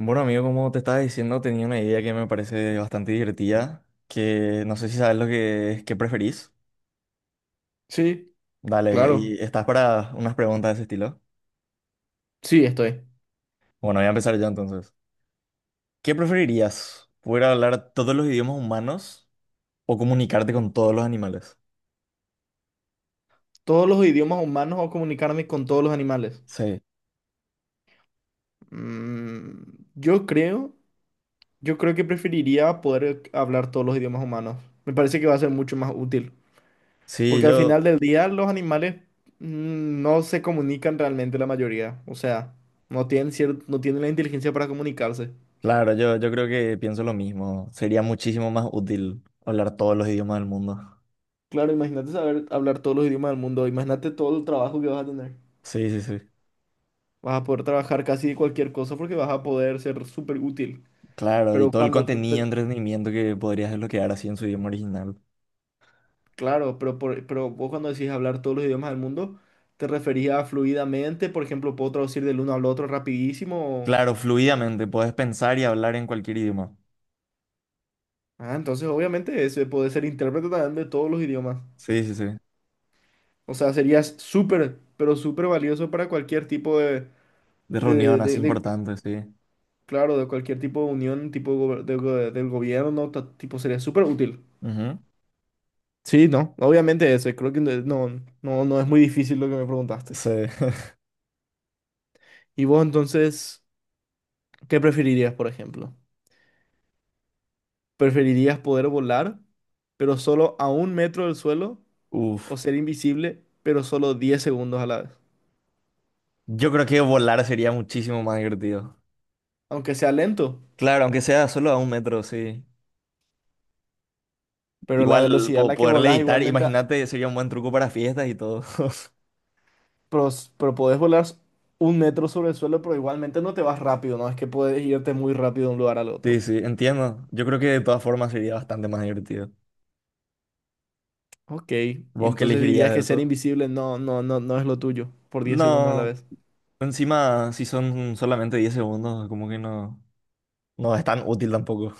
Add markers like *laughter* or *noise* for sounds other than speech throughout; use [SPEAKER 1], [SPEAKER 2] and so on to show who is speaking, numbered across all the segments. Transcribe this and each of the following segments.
[SPEAKER 1] Bueno, amigo, como te estaba diciendo, tenía una idea que me parece bastante divertida, que no sé si sabes lo que es, qué preferís.
[SPEAKER 2] Sí,
[SPEAKER 1] Dale, y
[SPEAKER 2] claro.
[SPEAKER 1] estás para unas preguntas de ese estilo.
[SPEAKER 2] Sí, estoy.
[SPEAKER 1] Bueno, voy a empezar yo entonces. ¿Qué preferirías? ¿Poder hablar todos los idiomas humanos o comunicarte con todos los animales?
[SPEAKER 2] Todos los idiomas humanos o comunicarme con todos los animales.
[SPEAKER 1] Sí.
[SPEAKER 2] Mm, yo creo, yo creo que preferiría poder hablar todos los idiomas humanos. Me parece que va a ser mucho más útil.
[SPEAKER 1] Sí,
[SPEAKER 2] Porque al
[SPEAKER 1] yo,
[SPEAKER 2] final del día los animales no se comunican realmente la mayoría. O sea, no tienen la inteligencia para comunicarse.
[SPEAKER 1] claro, yo, creo que pienso lo mismo. Sería muchísimo más útil hablar todos los idiomas del mundo.
[SPEAKER 2] Claro, imagínate saber hablar todos los idiomas del mundo. Imagínate todo el trabajo que vas a tener.
[SPEAKER 1] Sí, sí, sí.
[SPEAKER 2] Vas a poder trabajar casi de cualquier cosa porque vas a poder ser súper útil.
[SPEAKER 1] Claro, y
[SPEAKER 2] Pero
[SPEAKER 1] todo el
[SPEAKER 2] cuando
[SPEAKER 1] contenido, entretenimiento que podrías desbloquear así en su idioma original.
[SPEAKER 2] Claro, pero vos cuando decís hablar todos los idiomas del mundo, ¿te referías a fluidamente? Por ejemplo, ¿puedo traducir del uno al otro rapidísimo?
[SPEAKER 1] Claro, fluidamente, podés pensar y hablar en cualquier idioma.
[SPEAKER 2] Ah, entonces obviamente ese puede ser intérprete también de todos los idiomas.
[SPEAKER 1] Sí, sí, sí.
[SPEAKER 2] O sea, serías súper, pero súper valioso para cualquier tipo
[SPEAKER 1] De reunión
[SPEAKER 2] de,
[SPEAKER 1] así
[SPEAKER 2] de- de-
[SPEAKER 1] importante, sí.
[SPEAKER 2] claro, de cualquier tipo de unión, tipo gober- de go- del gobierno, tipo, sería súper útil.
[SPEAKER 1] Ujú.
[SPEAKER 2] Sí, no, obviamente ese, creo que no es muy difícil lo que me preguntaste.
[SPEAKER 1] Sí.
[SPEAKER 2] ¿Y vos entonces qué preferirías, por ejemplo? ¿Preferirías poder volar, pero solo a 1 metro del suelo,
[SPEAKER 1] *laughs*
[SPEAKER 2] o
[SPEAKER 1] Uf.
[SPEAKER 2] ser invisible, pero solo 10 segundos a la vez?
[SPEAKER 1] Yo creo que volar sería muchísimo más divertido.
[SPEAKER 2] Aunque sea lento,
[SPEAKER 1] Claro, aunque sea solo a un metro, sí.
[SPEAKER 2] pero la
[SPEAKER 1] Igual
[SPEAKER 2] velocidad a la que
[SPEAKER 1] poder
[SPEAKER 2] volás
[SPEAKER 1] levitar,
[SPEAKER 2] igualmente,
[SPEAKER 1] imagínate, sería un buen truco para fiestas y todo. *laughs*
[SPEAKER 2] pero 1 metro sobre el suelo, pero igualmente no te vas rápido, no es que puedes irte muy rápido de un lugar al otro.
[SPEAKER 1] Sí, sí, entiendo. Yo creo que de todas formas sería bastante más divertido.
[SPEAKER 2] Ok, y
[SPEAKER 1] ¿Vos qué
[SPEAKER 2] entonces
[SPEAKER 1] elegirías
[SPEAKER 2] dirías
[SPEAKER 1] de
[SPEAKER 2] que ser
[SPEAKER 1] eso?
[SPEAKER 2] invisible no es lo tuyo, por 10 segundos a la
[SPEAKER 1] No,
[SPEAKER 2] vez.
[SPEAKER 1] encima si son solamente 10 segundos, como que no, no es tan útil tampoco.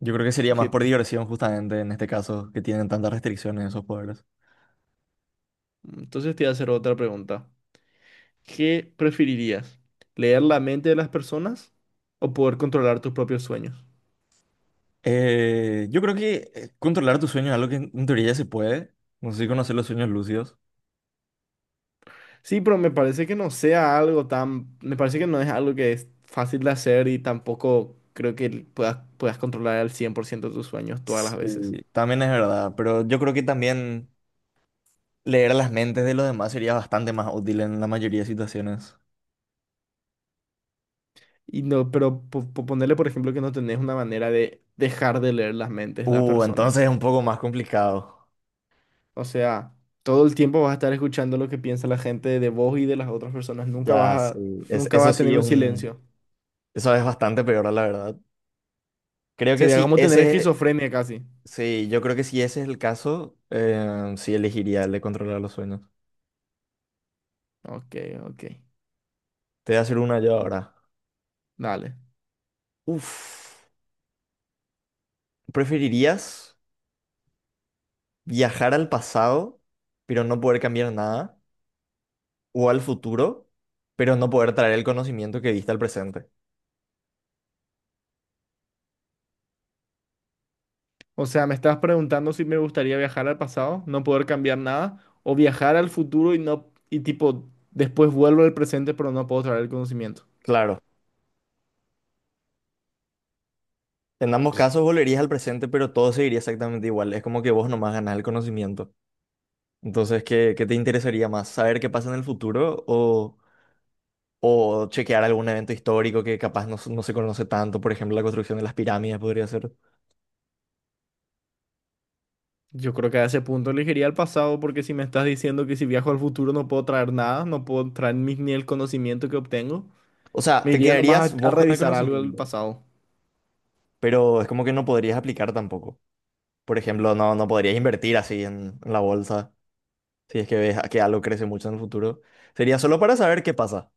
[SPEAKER 1] Yo creo que sería
[SPEAKER 2] Ok,
[SPEAKER 1] más por diversión, justamente, en este caso, que tienen tantas restricciones esos poderes.
[SPEAKER 2] entonces te voy a hacer otra pregunta. ¿Qué preferirías? ¿Leer la mente de las personas o poder controlar tus propios sueños?
[SPEAKER 1] Yo creo que controlar tus sueños es algo que en teoría ya se puede. No sé si conocer los sueños lúcidos.
[SPEAKER 2] Sí, pero me parece que no sea algo tan... Me parece que no es algo que es fácil de hacer y tampoco creo que puedas controlar al 100% tus sueños todas las veces.
[SPEAKER 1] Sí. También es verdad, pero yo creo que también leer las mentes de los demás sería bastante más útil en la mayoría de situaciones.
[SPEAKER 2] Y no, pero ponerle, por ejemplo, que no tenés una manera de dejar de leer las mentes de las personas.
[SPEAKER 1] Entonces es un poco más complicado.
[SPEAKER 2] O sea, todo el tiempo vas a estar escuchando lo que piensa la gente de vos y de las otras personas.
[SPEAKER 1] Ya,
[SPEAKER 2] A,
[SPEAKER 1] sí. Es,
[SPEAKER 2] nunca
[SPEAKER 1] eso
[SPEAKER 2] vas a
[SPEAKER 1] sí
[SPEAKER 2] tener
[SPEAKER 1] es
[SPEAKER 2] un
[SPEAKER 1] un...
[SPEAKER 2] silencio.
[SPEAKER 1] Eso es bastante peor, la verdad. Creo que
[SPEAKER 2] Sería
[SPEAKER 1] si
[SPEAKER 2] como tener
[SPEAKER 1] ese,
[SPEAKER 2] esquizofrenia casi.
[SPEAKER 1] sí, yo creo que si ese es el caso, sí elegiría el de controlar los sueños.
[SPEAKER 2] Ok, ok.
[SPEAKER 1] Te voy a hacer una yo ahora.
[SPEAKER 2] Dale.
[SPEAKER 1] Uf, ¿preferirías viajar al pasado, pero no poder cambiar nada? ¿O al futuro, pero no poder traer el conocimiento que viste al presente?
[SPEAKER 2] O sea, me estás preguntando si me gustaría viajar al pasado, no poder cambiar nada, o viajar al futuro y no, y tipo, después vuelvo al presente, pero no puedo traer el conocimiento.
[SPEAKER 1] Claro, en ambos casos volverías al presente, pero todo seguiría exactamente igual. Es como que vos nomás ganás el conocimiento. Entonces, ¿qué, qué te interesaría más? ¿Saber qué pasa en el futuro o chequear algún evento histórico que capaz no, no se conoce tanto? Por ejemplo, la construcción de las pirámides podría ser.
[SPEAKER 2] Yo creo que a ese punto elegiría el pasado, porque si me estás diciendo que si viajo al futuro no puedo traer nada, no puedo traer ni el conocimiento que obtengo,
[SPEAKER 1] O sea,
[SPEAKER 2] me
[SPEAKER 1] te
[SPEAKER 2] iría nomás
[SPEAKER 1] quedarías
[SPEAKER 2] a
[SPEAKER 1] vos con el
[SPEAKER 2] revisar algo del
[SPEAKER 1] conocimiento,
[SPEAKER 2] pasado.
[SPEAKER 1] pero es como que no podrías aplicar tampoco. Por ejemplo, no, no podrías invertir así en la bolsa, si es que ves que algo crece mucho en el futuro. Sería solo para saber qué pasa.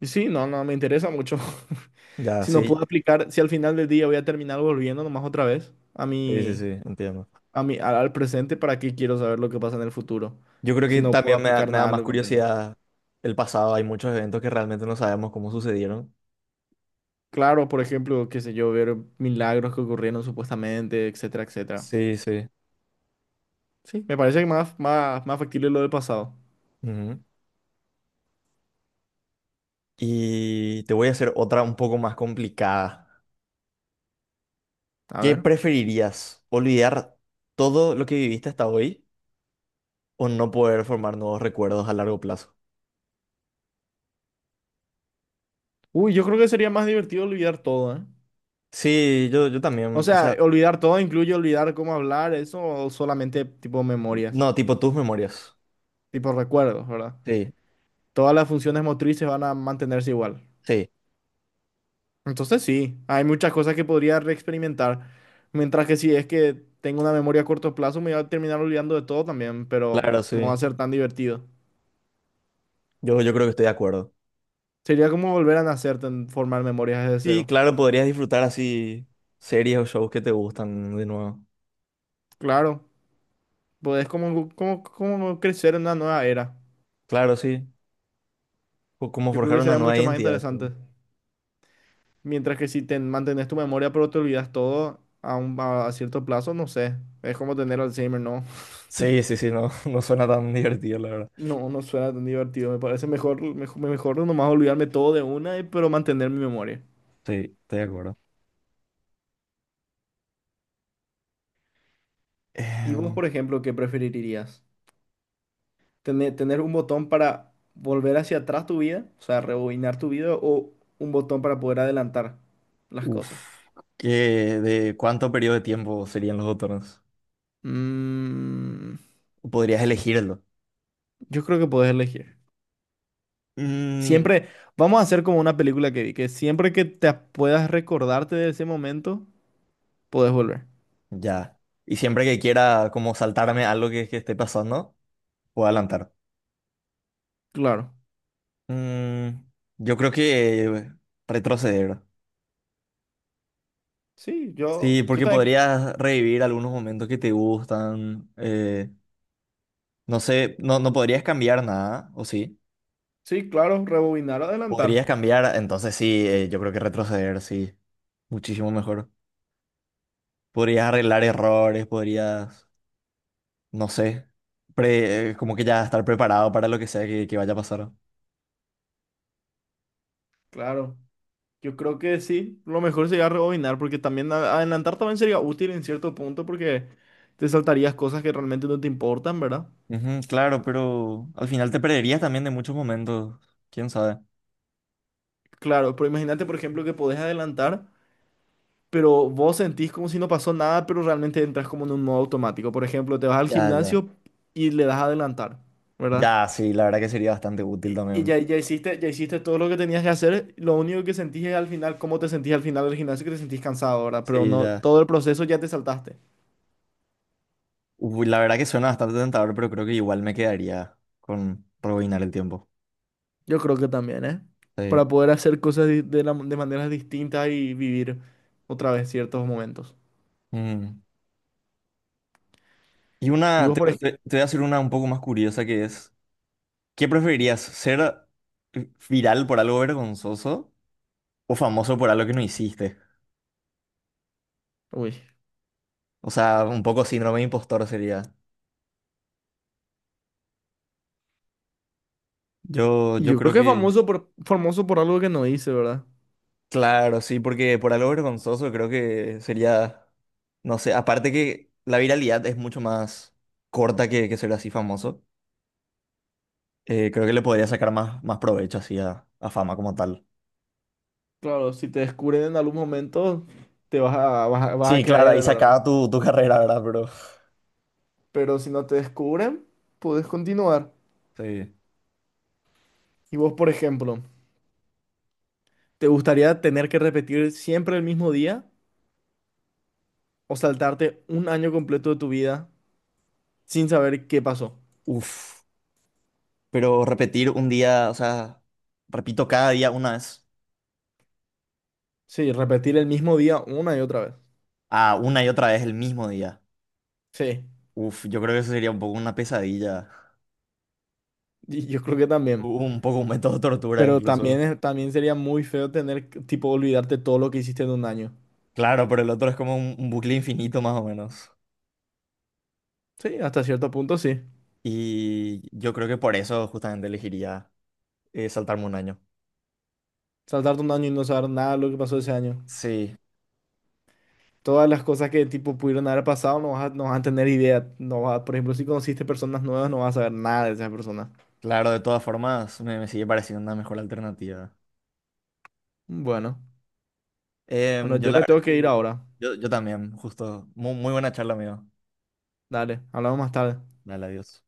[SPEAKER 2] Y sí, no, no, me interesa mucho. *laughs*
[SPEAKER 1] Ya,
[SPEAKER 2] Si no
[SPEAKER 1] sí,
[SPEAKER 2] puedo aplicar, si al final del día voy a terminar volviendo nomás otra vez a
[SPEAKER 1] sí, sí,
[SPEAKER 2] mi,
[SPEAKER 1] sí, entiendo.
[SPEAKER 2] a mí, al presente, ¿para qué quiero saber lo que pasa en el futuro?
[SPEAKER 1] Yo creo
[SPEAKER 2] Si
[SPEAKER 1] que
[SPEAKER 2] no puedo
[SPEAKER 1] también
[SPEAKER 2] aplicar
[SPEAKER 1] me da
[SPEAKER 2] nada de
[SPEAKER 1] más
[SPEAKER 2] lo que aprendo.
[SPEAKER 1] curiosidad el pasado. Hay muchos eventos que realmente no sabemos cómo sucedieron.
[SPEAKER 2] Claro, por ejemplo, qué sé yo, ver milagros que ocurrieron supuestamente, etcétera, etcétera.
[SPEAKER 1] Sí, sí.
[SPEAKER 2] Sí, me parece que más factible lo del pasado.
[SPEAKER 1] Ujú. Y te voy a hacer otra un poco más complicada.
[SPEAKER 2] A
[SPEAKER 1] ¿Qué
[SPEAKER 2] ver.
[SPEAKER 1] preferirías? ¿Olvidar todo lo que viviste hasta hoy o no poder formar nuevos recuerdos a largo plazo?
[SPEAKER 2] Uy, yo creo que sería más divertido olvidar todo, ¿eh?
[SPEAKER 1] Sí, yo
[SPEAKER 2] O
[SPEAKER 1] también, o
[SPEAKER 2] sea,
[SPEAKER 1] sea,
[SPEAKER 2] olvidar todo incluye olvidar cómo hablar, eso, o solamente tipo memorias,
[SPEAKER 1] no, tipo tus memorias.
[SPEAKER 2] tipo recuerdos, ¿verdad?
[SPEAKER 1] Sí,
[SPEAKER 2] Todas las funciones motrices van a mantenerse igual.
[SPEAKER 1] sí,
[SPEAKER 2] Entonces sí, hay muchas cosas que podría reexperimentar. Mientras que si es que tengo una memoria a corto plazo, me voy a terminar olvidando de todo también, pero
[SPEAKER 1] claro,
[SPEAKER 2] no va a
[SPEAKER 1] sí.
[SPEAKER 2] ser tan divertido.
[SPEAKER 1] Yo creo que estoy de acuerdo.
[SPEAKER 2] Sería como volver a nacer, formar memorias desde
[SPEAKER 1] Sí,
[SPEAKER 2] cero.
[SPEAKER 1] claro, podrías disfrutar así series o shows que te gustan de nuevo.
[SPEAKER 2] Claro, podés como crecer en una nueva era.
[SPEAKER 1] Claro, sí. O como
[SPEAKER 2] Yo creo
[SPEAKER 1] forjar
[SPEAKER 2] que
[SPEAKER 1] una
[SPEAKER 2] sería
[SPEAKER 1] nueva
[SPEAKER 2] mucho más
[SPEAKER 1] identidad. Sí,
[SPEAKER 2] interesante. Mientras que si te mantenés tu memoria pero te olvidas todo a, un, a cierto plazo, no sé. Es como tener Alzheimer, ¿no?
[SPEAKER 1] sí, sí, sí, no, *laughs* no suena tan divertido, la verdad.
[SPEAKER 2] No, no suena tan divertido. Me parece mejor nomás olvidarme todo de una, pero mantener mi memoria.
[SPEAKER 1] Sí, estoy de acuerdo.
[SPEAKER 2] ¿Y vos,
[SPEAKER 1] Em,
[SPEAKER 2] por ejemplo, qué preferirías? ¿Tener un botón para volver hacia atrás tu vida? O sea, rebobinar tu vida o un botón para poder adelantar las cosas.
[SPEAKER 1] uf, ¿qué, de cuánto periodo de tiempo serían los botones?
[SPEAKER 2] Mm,
[SPEAKER 1] Podrías elegirlo.
[SPEAKER 2] yo creo que podés elegir.
[SPEAKER 1] Mm,
[SPEAKER 2] Siempre, vamos a hacer como una película que vi, que siempre que te puedas recordarte de ese momento, podés volver.
[SPEAKER 1] ya. Y siempre que quiera como saltarme algo que esté pasando, puedo adelantar.
[SPEAKER 2] Claro.
[SPEAKER 1] Mm, yo creo que retroceder.
[SPEAKER 2] Sí,
[SPEAKER 1] Sí,
[SPEAKER 2] yo
[SPEAKER 1] porque
[SPEAKER 2] también.
[SPEAKER 1] podrías revivir algunos momentos que te gustan. No sé, no, no podrías cambiar nada, ¿o sí?
[SPEAKER 2] Sí, claro, rebobinar o adelantar.
[SPEAKER 1] Podrías cambiar, entonces sí, yo creo que retroceder, sí. Muchísimo mejor. Podrías arreglar errores, podrías, no sé, como que ya estar preparado para lo que sea que vaya a pasar.
[SPEAKER 2] Claro, yo creo que sí, lo mejor sería rebobinar porque también adelantar también sería útil en cierto punto porque te saltarías cosas que realmente no te importan, ¿verdad?
[SPEAKER 1] Ujú, claro, pero al final te perderías también de muchos momentos, quién sabe.
[SPEAKER 2] Claro, pero imagínate por ejemplo que podés adelantar, pero vos sentís como si no pasó nada, pero realmente entras como en un modo automático. Por ejemplo, te vas al
[SPEAKER 1] Ya, ya.
[SPEAKER 2] gimnasio y le das a adelantar, ¿verdad?
[SPEAKER 1] Ya, sí, la verdad que sería bastante útil
[SPEAKER 2] Y
[SPEAKER 1] también.
[SPEAKER 2] ya, ya hiciste todo lo que tenías que hacer, lo único que sentís es al final, cómo te sentís al final del gimnasio, que te sentís cansado, ¿verdad? Pero
[SPEAKER 1] Sí,
[SPEAKER 2] no,
[SPEAKER 1] ya.
[SPEAKER 2] todo el proceso ya te saltaste.
[SPEAKER 1] Uy, la verdad que suena bastante tentador, pero creo que igual me quedaría con rebobinar el tiempo.
[SPEAKER 2] Yo creo que también, ¿eh?
[SPEAKER 1] Sí.
[SPEAKER 2] Para poder hacer cosas de maneras distintas y vivir otra vez ciertos momentos.
[SPEAKER 1] Mm. Y
[SPEAKER 2] Y
[SPEAKER 1] una,
[SPEAKER 2] vos, por ejemplo,
[SPEAKER 1] te voy a hacer una un poco más curiosa que es, ¿qué preferirías? ¿Ser viral por algo vergonzoso o famoso por algo que no hiciste?
[SPEAKER 2] uy.
[SPEAKER 1] O sea, un poco síndrome de impostor sería. Yo,
[SPEAKER 2] Y
[SPEAKER 1] yo
[SPEAKER 2] yo creo
[SPEAKER 1] creo
[SPEAKER 2] que es
[SPEAKER 1] que
[SPEAKER 2] famoso por algo que no hice, ¿verdad?
[SPEAKER 1] claro, sí, porque por algo vergonzoso creo que sería, no sé, aparte que la viralidad es mucho más corta que ser así famoso, creo que le podría sacar más, más provecho así a fama como tal.
[SPEAKER 2] Claro, si te descubren en algún momento, te vas a, vas a, vas a
[SPEAKER 1] Sí, claro,
[SPEAKER 2] caer,
[SPEAKER 1] ahí
[SPEAKER 2] de
[SPEAKER 1] se
[SPEAKER 2] verdad.
[SPEAKER 1] acaba tu, tu carrera, ¿verdad, bro?
[SPEAKER 2] Pero si no te descubren, puedes continuar.
[SPEAKER 1] Sí.
[SPEAKER 2] Y vos, por ejemplo, ¿te gustaría tener que repetir siempre el mismo día o saltarte 1 año completo de tu vida sin saber qué pasó?
[SPEAKER 1] Uf, pero repetir un día, o sea, repito cada día una vez,
[SPEAKER 2] Sí, repetir el mismo día una y otra vez.
[SPEAKER 1] a una y otra vez el mismo día.
[SPEAKER 2] Sí.
[SPEAKER 1] Uf, yo creo que eso sería un poco una pesadilla,
[SPEAKER 2] Yo creo que también.
[SPEAKER 1] un poco un método de tortura
[SPEAKER 2] Pero
[SPEAKER 1] incluso.
[SPEAKER 2] también, también sería muy feo tener, que, tipo, olvidarte todo lo que hiciste en 1 año.
[SPEAKER 1] Claro, pero el otro es como un bucle infinito más o menos.
[SPEAKER 2] Sí, hasta cierto punto sí.
[SPEAKER 1] Y yo creo que por eso justamente elegiría saltarme 1 año.
[SPEAKER 2] Saltarte un año y no saber nada de lo que pasó ese año.
[SPEAKER 1] Sí,
[SPEAKER 2] Todas las cosas que, tipo, pudieron haber pasado no vas a tener idea. No vas a- por ejemplo, si conociste personas nuevas, no vas a saber nada de esas personas.
[SPEAKER 1] claro, de todas formas me, me sigue pareciendo una mejor alternativa.
[SPEAKER 2] Bueno. Bueno,
[SPEAKER 1] Em, yo
[SPEAKER 2] yo
[SPEAKER 1] la
[SPEAKER 2] me
[SPEAKER 1] verdad
[SPEAKER 2] tengo que ir
[SPEAKER 1] que
[SPEAKER 2] ahora.
[SPEAKER 1] yo también, justo. Muy, muy buena charla, amigo.
[SPEAKER 2] Dale, hablamos más tarde.
[SPEAKER 1] Dale, adiós.